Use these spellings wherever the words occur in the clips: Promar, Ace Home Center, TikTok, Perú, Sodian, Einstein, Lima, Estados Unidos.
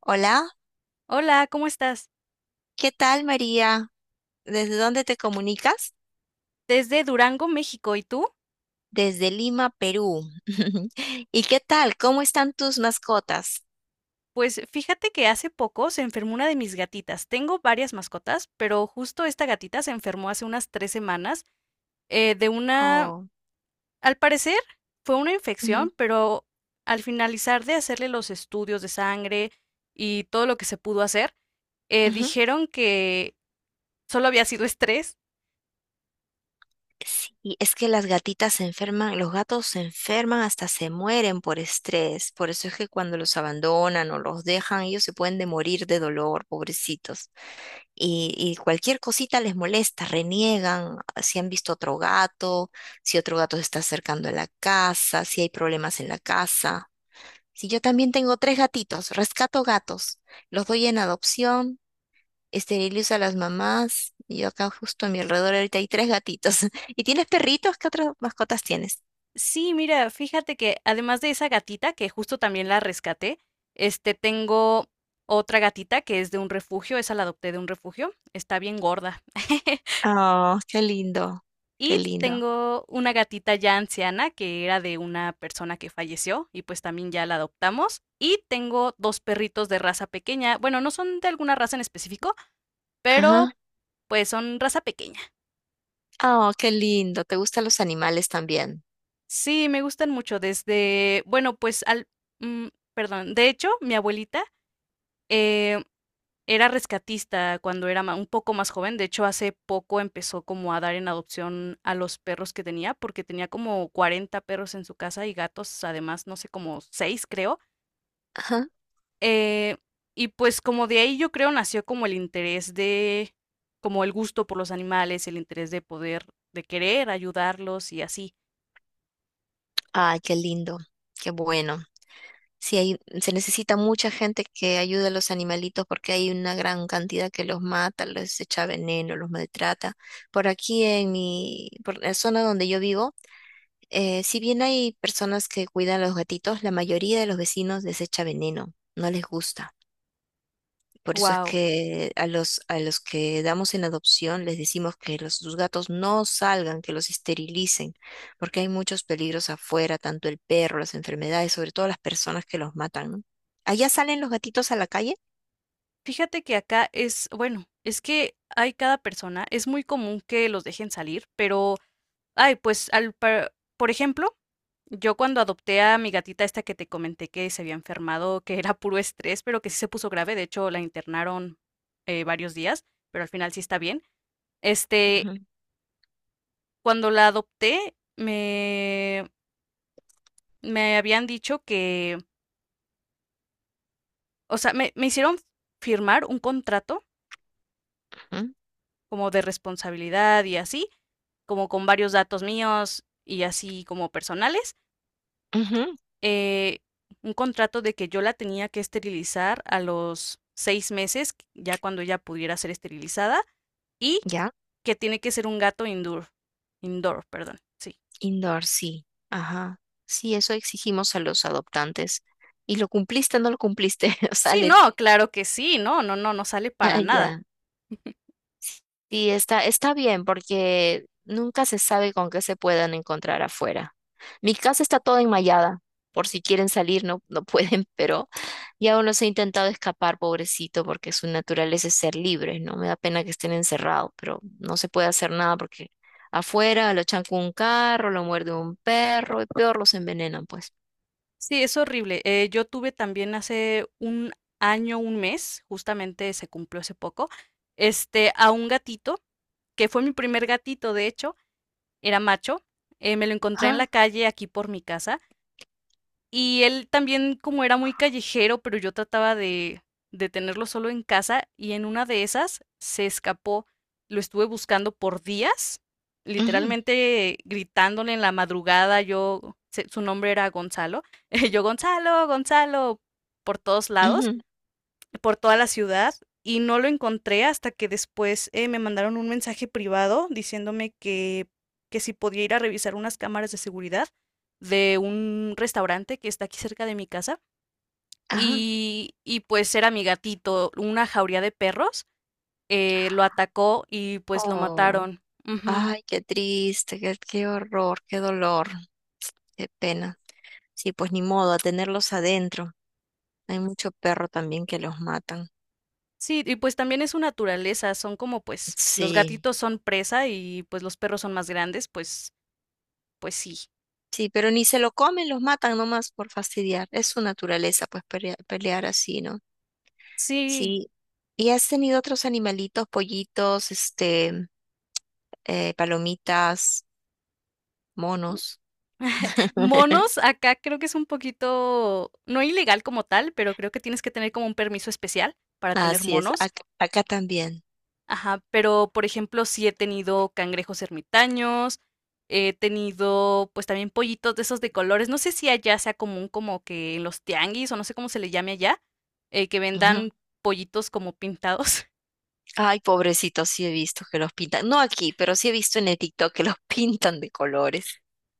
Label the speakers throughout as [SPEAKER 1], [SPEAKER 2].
[SPEAKER 1] Hola,
[SPEAKER 2] Hola, ¿cómo estás?
[SPEAKER 1] ¿qué tal María? ¿Desde dónde te comunicas?
[SPEAKER 2] Desde Durango, México. ¿Y tú?
[SPEAKER 1] Desde Lima, Perú. ¿Y qué tal? ¿Cómo están tus mascotas?
[SPEAKER 2] Pues fíjate que hace poco se enfermó una de mis gatitas. Tengo varias mascotas, pero justo esta gatita se enfermó hace unas 3 semanas de una,
[SPEAKER 1] Oh,
[SPEAKER 2] al parecer fue una
[SPEAKER 1] ujú,
[SPEAKER 2] infección, pero al finalizar de hacerle los estudios de sangre y todo lo que se pudo hacer,
[SPEAKER 1] ujú.
[SPEAKER 2] dijeron que solo había sido estrés.
[SPEAKER 1] Y es que las gatitas se enferman, los gatos se enferman hasta se mueren por estrés. Por eso es que cuando los abandonan o los dejan, ellos se pueden de morir de dolor, pobrecitos. Y cualquier cosita les molesta, reniegan si han visto otro gato, si otro gato se está acercando a la casa, si hay problemas en la casa. Si yo también tengo tres gatitos, rescato gatos, los doy en adopción, esterilizo a las mamás, y yo acá justo a mi alrededor ahorita hay tres gatitos. ¿Y tienes perritos? ¿Qué otras mascotas tienes?
[SPEAKER 2] Sí, mira, fíjate que además de esa gatita, que justo también la rescaté, tengo otra gatita que es de un refugio, esa la adopté de un refugio, está bien gorda.
[SPEAKER 1] Oh, qué lindo, qué
[SPEAKER 2] Y
[SPEAKER 1] lindo.
[SPEAKER 2] tengo una gatita ya anciana que era de una persona que falleció y pues también ya la adoptamos. Y tengo dos perritos de raza pequeña, bueno, no son de alguna raza en específico, pero
[SPEAKER 1] Ajá.
[SPEAKER 2] pues son raza pequeña.
[SPEAKER 1] Oh, qué lindo. ¿Te gustan los animales también?
[SPEAKER 2] Sí, me gustan mucho desde, bueno, pues al, mm, perdón, de hecho, mi abuelita... Eh, Era rescatista cuando era ma un poco más joven. De hecho, hace poco empezó como a dar en adopción a los perros que tenía, porque tenía como 40 perros en su casa y gatos, además, no sé, como 6, creo,
[SPEAKER 1] Ajá.
[SPEAKER 2] eh, y pues, como de ahí yo creo nació como el interés de, como el gusto por los animales, el interés de poder, de querer ayudarlos y así.
[SPEAKER 1] Ay, qué lindo, qué bueno. Si hay, se necesita mucha gente que ayude a los animalitos porque hay una gran cantidad que los mata, les echa veneno, los maltrata. Por aquí por la zona donde yo vivo, si bien hay personas que cuidan a los gatitos, la mayoría de los vecinos desecha veneno, no les gusta. Por eso es
[SPEAKER 2] Wow.
[SPEAKER 1] que a los que damos en adopción les decimos que los, sus gatos no salgan, que los esterilicen, porque hay muchos peligros afuera, tanto el perro, las enfermedades, sobre todo las personas que los matan, ¿no? ¿Allá salen los gatitos a la calle?
[SPEAKER 2] Fíjate que acá es bueno, es que hay cada persona, es muy común que los dejen salir, pero ay, pues, al par por ejemplo, yo cuando adopté a mi gatita esta que te comenté que se había enfermado, que era puro estrés, pero que sí se puso grave, de hecho, la internaron, varios días, pero al final sí está bien. Este,
[SPEAKER 1] Ujú,
[SPEAKER 2] Cuando la adopté, me habían dicho que, o sea, me hicieron firmar un contrato
[SPEAKER 1] ujú,
[SPEAKER 2] como de responsabilidad y así, como con varios datos míos y así como personales.
[SPEAKER 1] ujú.
[SPEAKER 2] eh, un contrato de que yo la tenía que esterilizar a los 6 meses, ya cuando ella pudiera ser esterilizada, y
[SPEAKER 1] ¿Ya?
[SPEAKER 2] que tiene que ser un gato indoor, indoor, perdón, sí.
[SPEAKER 1] Indoor, sí. Ajá. Sí, eso exigimos a los adoptantes. ¿Y lo cumpliste o no lo cumpliste?
[SPEAKER 2] Sí,
[SPEAKER 1] Salen.
[SPEAKER 2] no, claro que sí, no, no, no, no sale para nada.
[SPEAKER 1] Allá. Sí, está bien porque nunca se sabe con qué se puedan encontrar afuera. Mi casa está toda enmallada, por si quieren salir, no, no pueden, pero ya uno se ha intentado escapar, pobrecito, porque su naturaleza es ser libre, ¿no? Me da pena que estén encerrados, pero no se puede hacer nada porque afuera lo chanca un carro, lo muerde un perro y peor los envenenan, pues.
[SPEAKER 2] Sí, es horrible. Yo tuve también hace un año, un mes, justamente se cumplió hace poco, a un gatito, que fue mi primer gatito, de hecho, era macho. Me lo encontré en
[SPEAKER 1] Ajá,
[SPEAKER 2] la calle aquí por mi casa, y él también, como era muy callejero, pero yo trataba de, tenerlo solo en casa y en una de esas se escapó. Lo estuve buscando por días,
[SPEAKER 1] ujú,
[SPEAKER 2] literalmente gritándole en la madrugada. Yo, su nombre era Gonzalo. Yo, Gonzalo, Gonzalo, por todos lados,
[SPEAKER 1] ujú,
[SPEAKER 2] por toda la ciudad, y no lo encontré hasta que después me mandaron un mensaje privado diciéndome que si podía ir a revisar unas cámaras de seguridad de un restaurante que está aquí cerca de mi casa.
[SPEAKER 1] ajá.
[SPEAKER 2] Y pues era mi gatito, una jauría de perros, lo atacó y pues lo
[SPEAKER 1] Oh.
[SPEAKER 2] mataron. Ujú.
[SPEAKER 1] Ay, qué triste, qué horror, qué dolor, qué pena. Sí, pues ni modo, a tenerlos adentro. Hay mucho perro también que los matan.
[SPEAKER 2] Sí, y pues también es su naturaleza, son como, pues los
[SPEAKER 1] Sí,
[SPEAKER 2] gatitos son presa y pues los perros son más grandes, pues sí.
[SPEAKER 1] sí, pero ni se lo comen, los matan nomás por fastidiar. Es su naturaleza, pues pelear, así, ¿no?
[SPEAKER 2] Sí,
[SPEAKER 1] Sí. ¿Y has tenido otros animalitos, pollitos, palomitas, monos?
[SPEAKER 2] monos, acá creo que es un poquito, no ilegal como tal, pero creo que tienes que tener como un permiso especial para tener
[SPEAKER 1] Así es,
[SPEAKER 2] monos.
[SPEAKER 1] acá también.
[SPEAKER 2] Ajá, pero por ejemplo, sí he tenido cangrejos ermitaños, he tenido pues también pollitos de esos de colores. No sé si allá sea común, como que en los tianguis o no sé cómo se le llame allá, que vendan pollitos como pintados.
[SPEAKER 1] Ay, pobrecitos, sí he visto que los pintan. No aquí, pero sí he visto en el TikTok que los pintan de colores.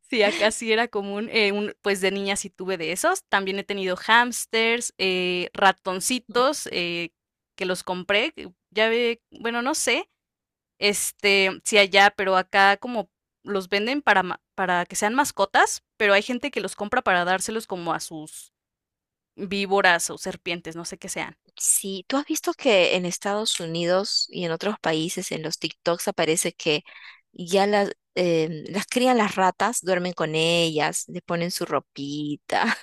[SPEAKER 2] Sí, acá sí era común. Pues de niña sí tuve de esos. También he tenido hámsters,
[SPEAKER 1] Ujú.
[SPEAKER 2] ratoncitos, que los compré. Que ya ve, bueno, no sé, si allá, pero acá como los venden para, para que sean mascotas, pero hay gente que los compra para dárselos como a sus víboras o serpientes, no sé qué sean.
[SPEAKER 1] Sí, tú has visto que en Estados Unidos y en otros países, en los TikToks aparece que ya las crían las ratas, duermen con ellas, le ponen su ropita.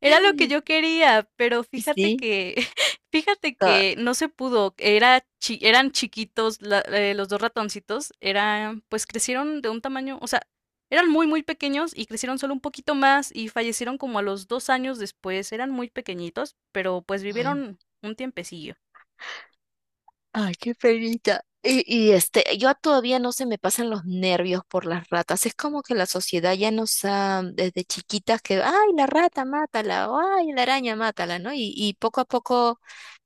[SPEAKER 2] Era lo que yo quería, pero fíjate
[SPEAKER 1] Sí.
[SPEAKER 2] que, fíjate
[SPEAKER 1] Ah,
[SPEAKER 2] que no se pudo. Era eran chiquitos, los dos ratoncitos, eran, pues crecieron de un tamaño, o sea, eran muy, muy pequeños y crecieron solo un poquito más y fallecieron como a los 2 años después. Eran muy pequeñitos, pero pues
[SPEAKER 1] mm.
[SPEAKER 2] vivieron un tiempecillo.
[SPEAKER 1] Ay, qué penita. Yo todavía no se me pasan los nervios por las ratas. Es como que la sociedad ya nos ha, desde chiquitas que, ay, la rata, mátala, o ay, la araña, mátala, ¿no? Y poco a poco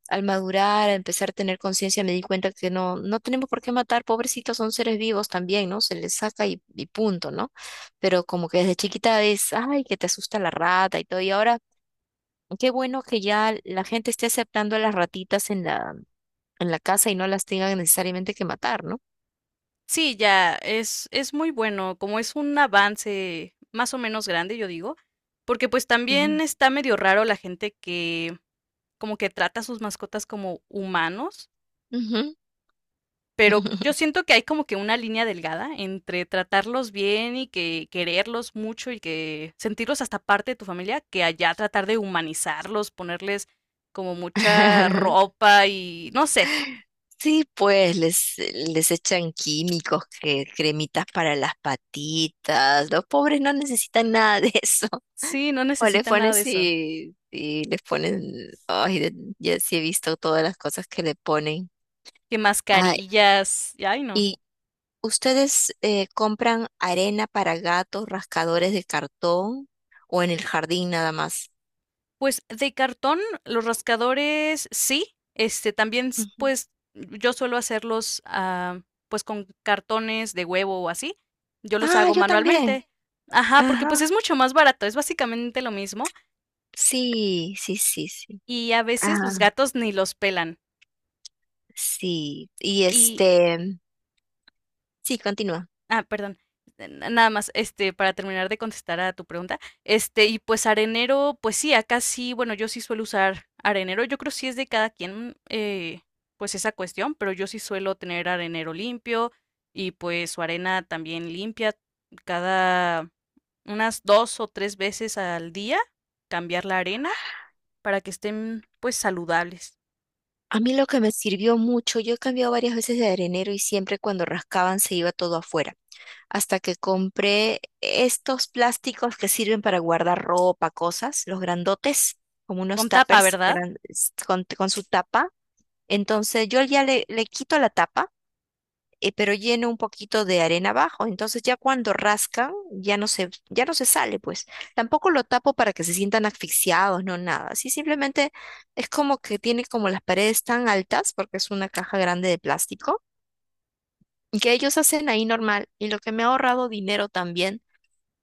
[SPEAKER 1] al madurar, a empezar a tener conciencia, me di cuenta que no, no tenemos por qué matar, pobrecitos, son seres vivos también, ¿no? Se les saca y punto, ¿no? Pero como que desde chiquita es, ay, que te asusta la rata y todo, y ahora qué bueno que ya la gente esté aceptando a las ratitas en la casa y no las tengan necesariamente que matar, ¿no?
[SPEAKER 2] Sí, ya, es muy bueno, como es un avance más o menos grande, yo digo, porque pues también
[SPEAKER 1] Ujú.
[SPEAKER 2] está medio raro la gente que como que trata a sus mascotas como humanos,
[SPEAKER 1] Ujú.
[SPEAKER 2] pero yo siento que hay como que una línea delgada entre tratarlos bien y que quererlos mucho y que sentirlos hasta parte de tu familia, que allá tratar de humanizarlos, ponerles como mucha ropa y no sé.
[SPEAKER 1] Sí, pues les echan químicos, que, cremitas para las patitas. Los pobres no necesitan nada de eso.
[SPEAKER 2] Sí, no
[SPEAKER 1] O les
[SPEAKER 2] necesitan nada de
[SPEAKER 1] pones
[SPEAKER 2] eso.
[SPEAKER 1] y les ponen, ay, ya sí he visto todas las cosas que le ponen.
[SPEAKER 2] Que
[SPEAKER 1] Ah,
[SPEAKER 2] mascarillas, y ay no.
[SPEAKER 1] ¿y ustedes compran arena para gatos, rascadores de cartón o en el jardín nada más?
[SPEAKER 2] Pues de cartón, los rascadores sí, este también,
[SPEAKER 1] Ujú.
[SPEAKER 2] pues yo suelo hacerlos, pues con cartones de huevo o así. Yo los
[SPEAKER 1] Ah,
[SPEAKER 2] hago
[SPEAKER 1] yo también.
[SPEAKER 2] manualmente. Ajá, porque pues
[SPEAKER 1] Ajá.
[SPEAKER 2] es mucho más barato, es básicamente lo mismo
[SPEAKER 1] Sí, sí, sí, sí.
[SPEAKER 2] y a veces los
[SPEAKER 1] Ah,
[SPEAKER 2] gatos ni los pelan.
[SPEAKER 1] sí. Y
[SPEAKER 2] Y
[SPEAKER 1] sí, continúa.
[SPEAKER 2] Ah, perdón. Nada más, para terminar de contestar a tu pregunta, y pues arenero, pues sí, acá sí, bueno, yo sí suelo usar arenero, yo creo sí es de cada quien, pues esa cuestión, pero yo sí suelo tener arenero limpio y pues su arena también limpia cada unas dos o tres veces al día, cambiar la arena para que estén pues saludables.
[SPEAKER 1] A mí lo que me sirvió mucho, yo he cambiado varias veces de arenero y siempre cuando rascaban se iba todo afuera. Hasta que compré estos plásticos que sirven para guardar ropa, cosas, los grandotes, como unos
[SPEAKER 2] Con tapa,
[SPEAKER 1] tuppers
[SPEAKER 2] ¿verdad?
[SPEAKER 1] con su tapa. Entonces yo ya le quito la tapa, pero lleno un poquito de arena abajo. Entonces ya cuando rascan, ya no se sale, pues. Tampoco lo tapo para que se sientan asfixiados, no nada. Así simplemente es como que tiene como las paredes tan altas, porque es una caja grande de plástico, y que ellos hacen ahí normal. Y lo que me ha ahorrado dinero también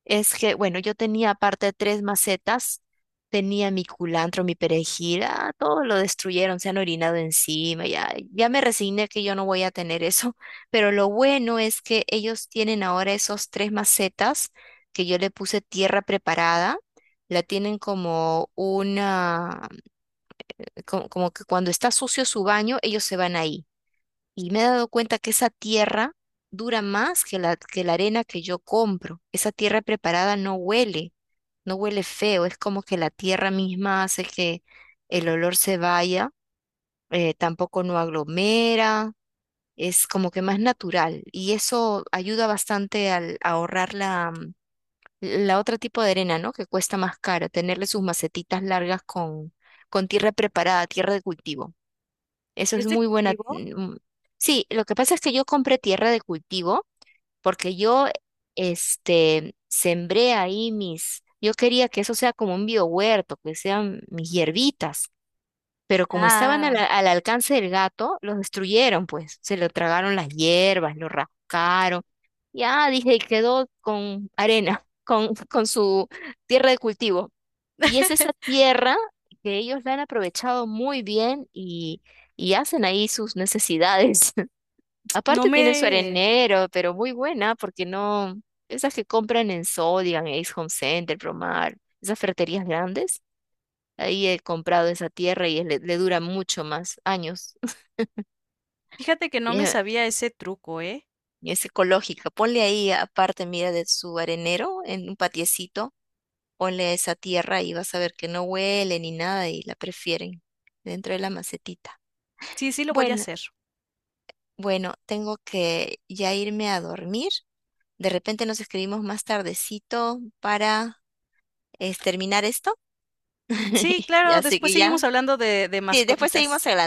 [SPEAKER 1] es que, bueno, yo tenía aparte tres macetas, tenía mi culantro, mi perejil, ah, todo lo destruyeron, se han orinado encima, ya, ya me resigné que yo no voy a tener eso, pero lo bueno es que ellos tienen ahora esos tres macetas que yo le puse tierra preparada, la tienen como que cuando está sucio su baño, ellos se van ahí. Y me he dado cuenta que esa tierra dura más que que la arena que yo compro, esa tierra preparada no huele feo, es como que la tierra misma hace que el olor se vaya, tampoco no aglomera, es como que más natural y eso ayuda bastante al a ahorrar la otra tipo de arena, ¿no? Que cuesta más cara, tenerle sus macetitas largas con tierra preparada, tierra de cultivo. Eso es
[SPEAKER 2] ¿Es de
[SPEAKER 1] muy buena.
[SPEAKER 2] cultivo?
[SPEAKER 1] Sí, lo que pasa es que yo compré tierra de cultivo porque yo sembré ahí yo quería que eso sea como un biohuerto, que sean mis hierbitas, pero como estaban
[SPEAKER 2] Ah,
[SPEAKER 1] al alcance del gato, los destruyeron, pues se lo tragaron las hierbas, lo rascaron, ya dije, y quedó con arena, con su tierra de cultivo. Y es esa tierra que ellos la han aprovechado muy bien y hacen ahí sus necesidades.
[SPEAKER 2] no
[SPEAKER 1] Aparte tienen su
[SPEAKER 2] me...
[SPEAKER 1] arenero, pero muy buena, porque no, esas que compran en Sodian, Ace Home Center, Promar, esas ferreterías grandes, ahí he comprado esa tierra y le dura mucho más años.
[SPEAKER 2] Fíjate que no
[SPEAKER 1] Y
[SPEAKER 2] me
[SPEAKER 1] es
[SPEAKER 2] sabía ese truco, ¿eh?
[SPEAKER 1] y es ecológica. Ponle ahí, aparte, mira, de su arenero, en un patiecito, ponle esa tierra y vas a ver que no huele ni nada y la prefieren dentro de la macetita.
[SPEAKER 2] Sí, sí lo voy a
[SPEAKER 1] Bueno,
[SPEAKER 2] hacer.
[SPEAKER 1] bueno, tengo que ya irme a dormir. De repente nos escribimos más tardecito para es terminar esto.
[SPEAKER 2] Sí, claro,
[SPEAKER 1] Así
[SPEAKER 2] después
[SPEAKER 1] que ya,
[SPEAKER 2] seguimos hablando de
[SPEAKER 1] sí, después
[SPEAKER 2] mascotitas.
[SPEAKER 1] seguimos hablando.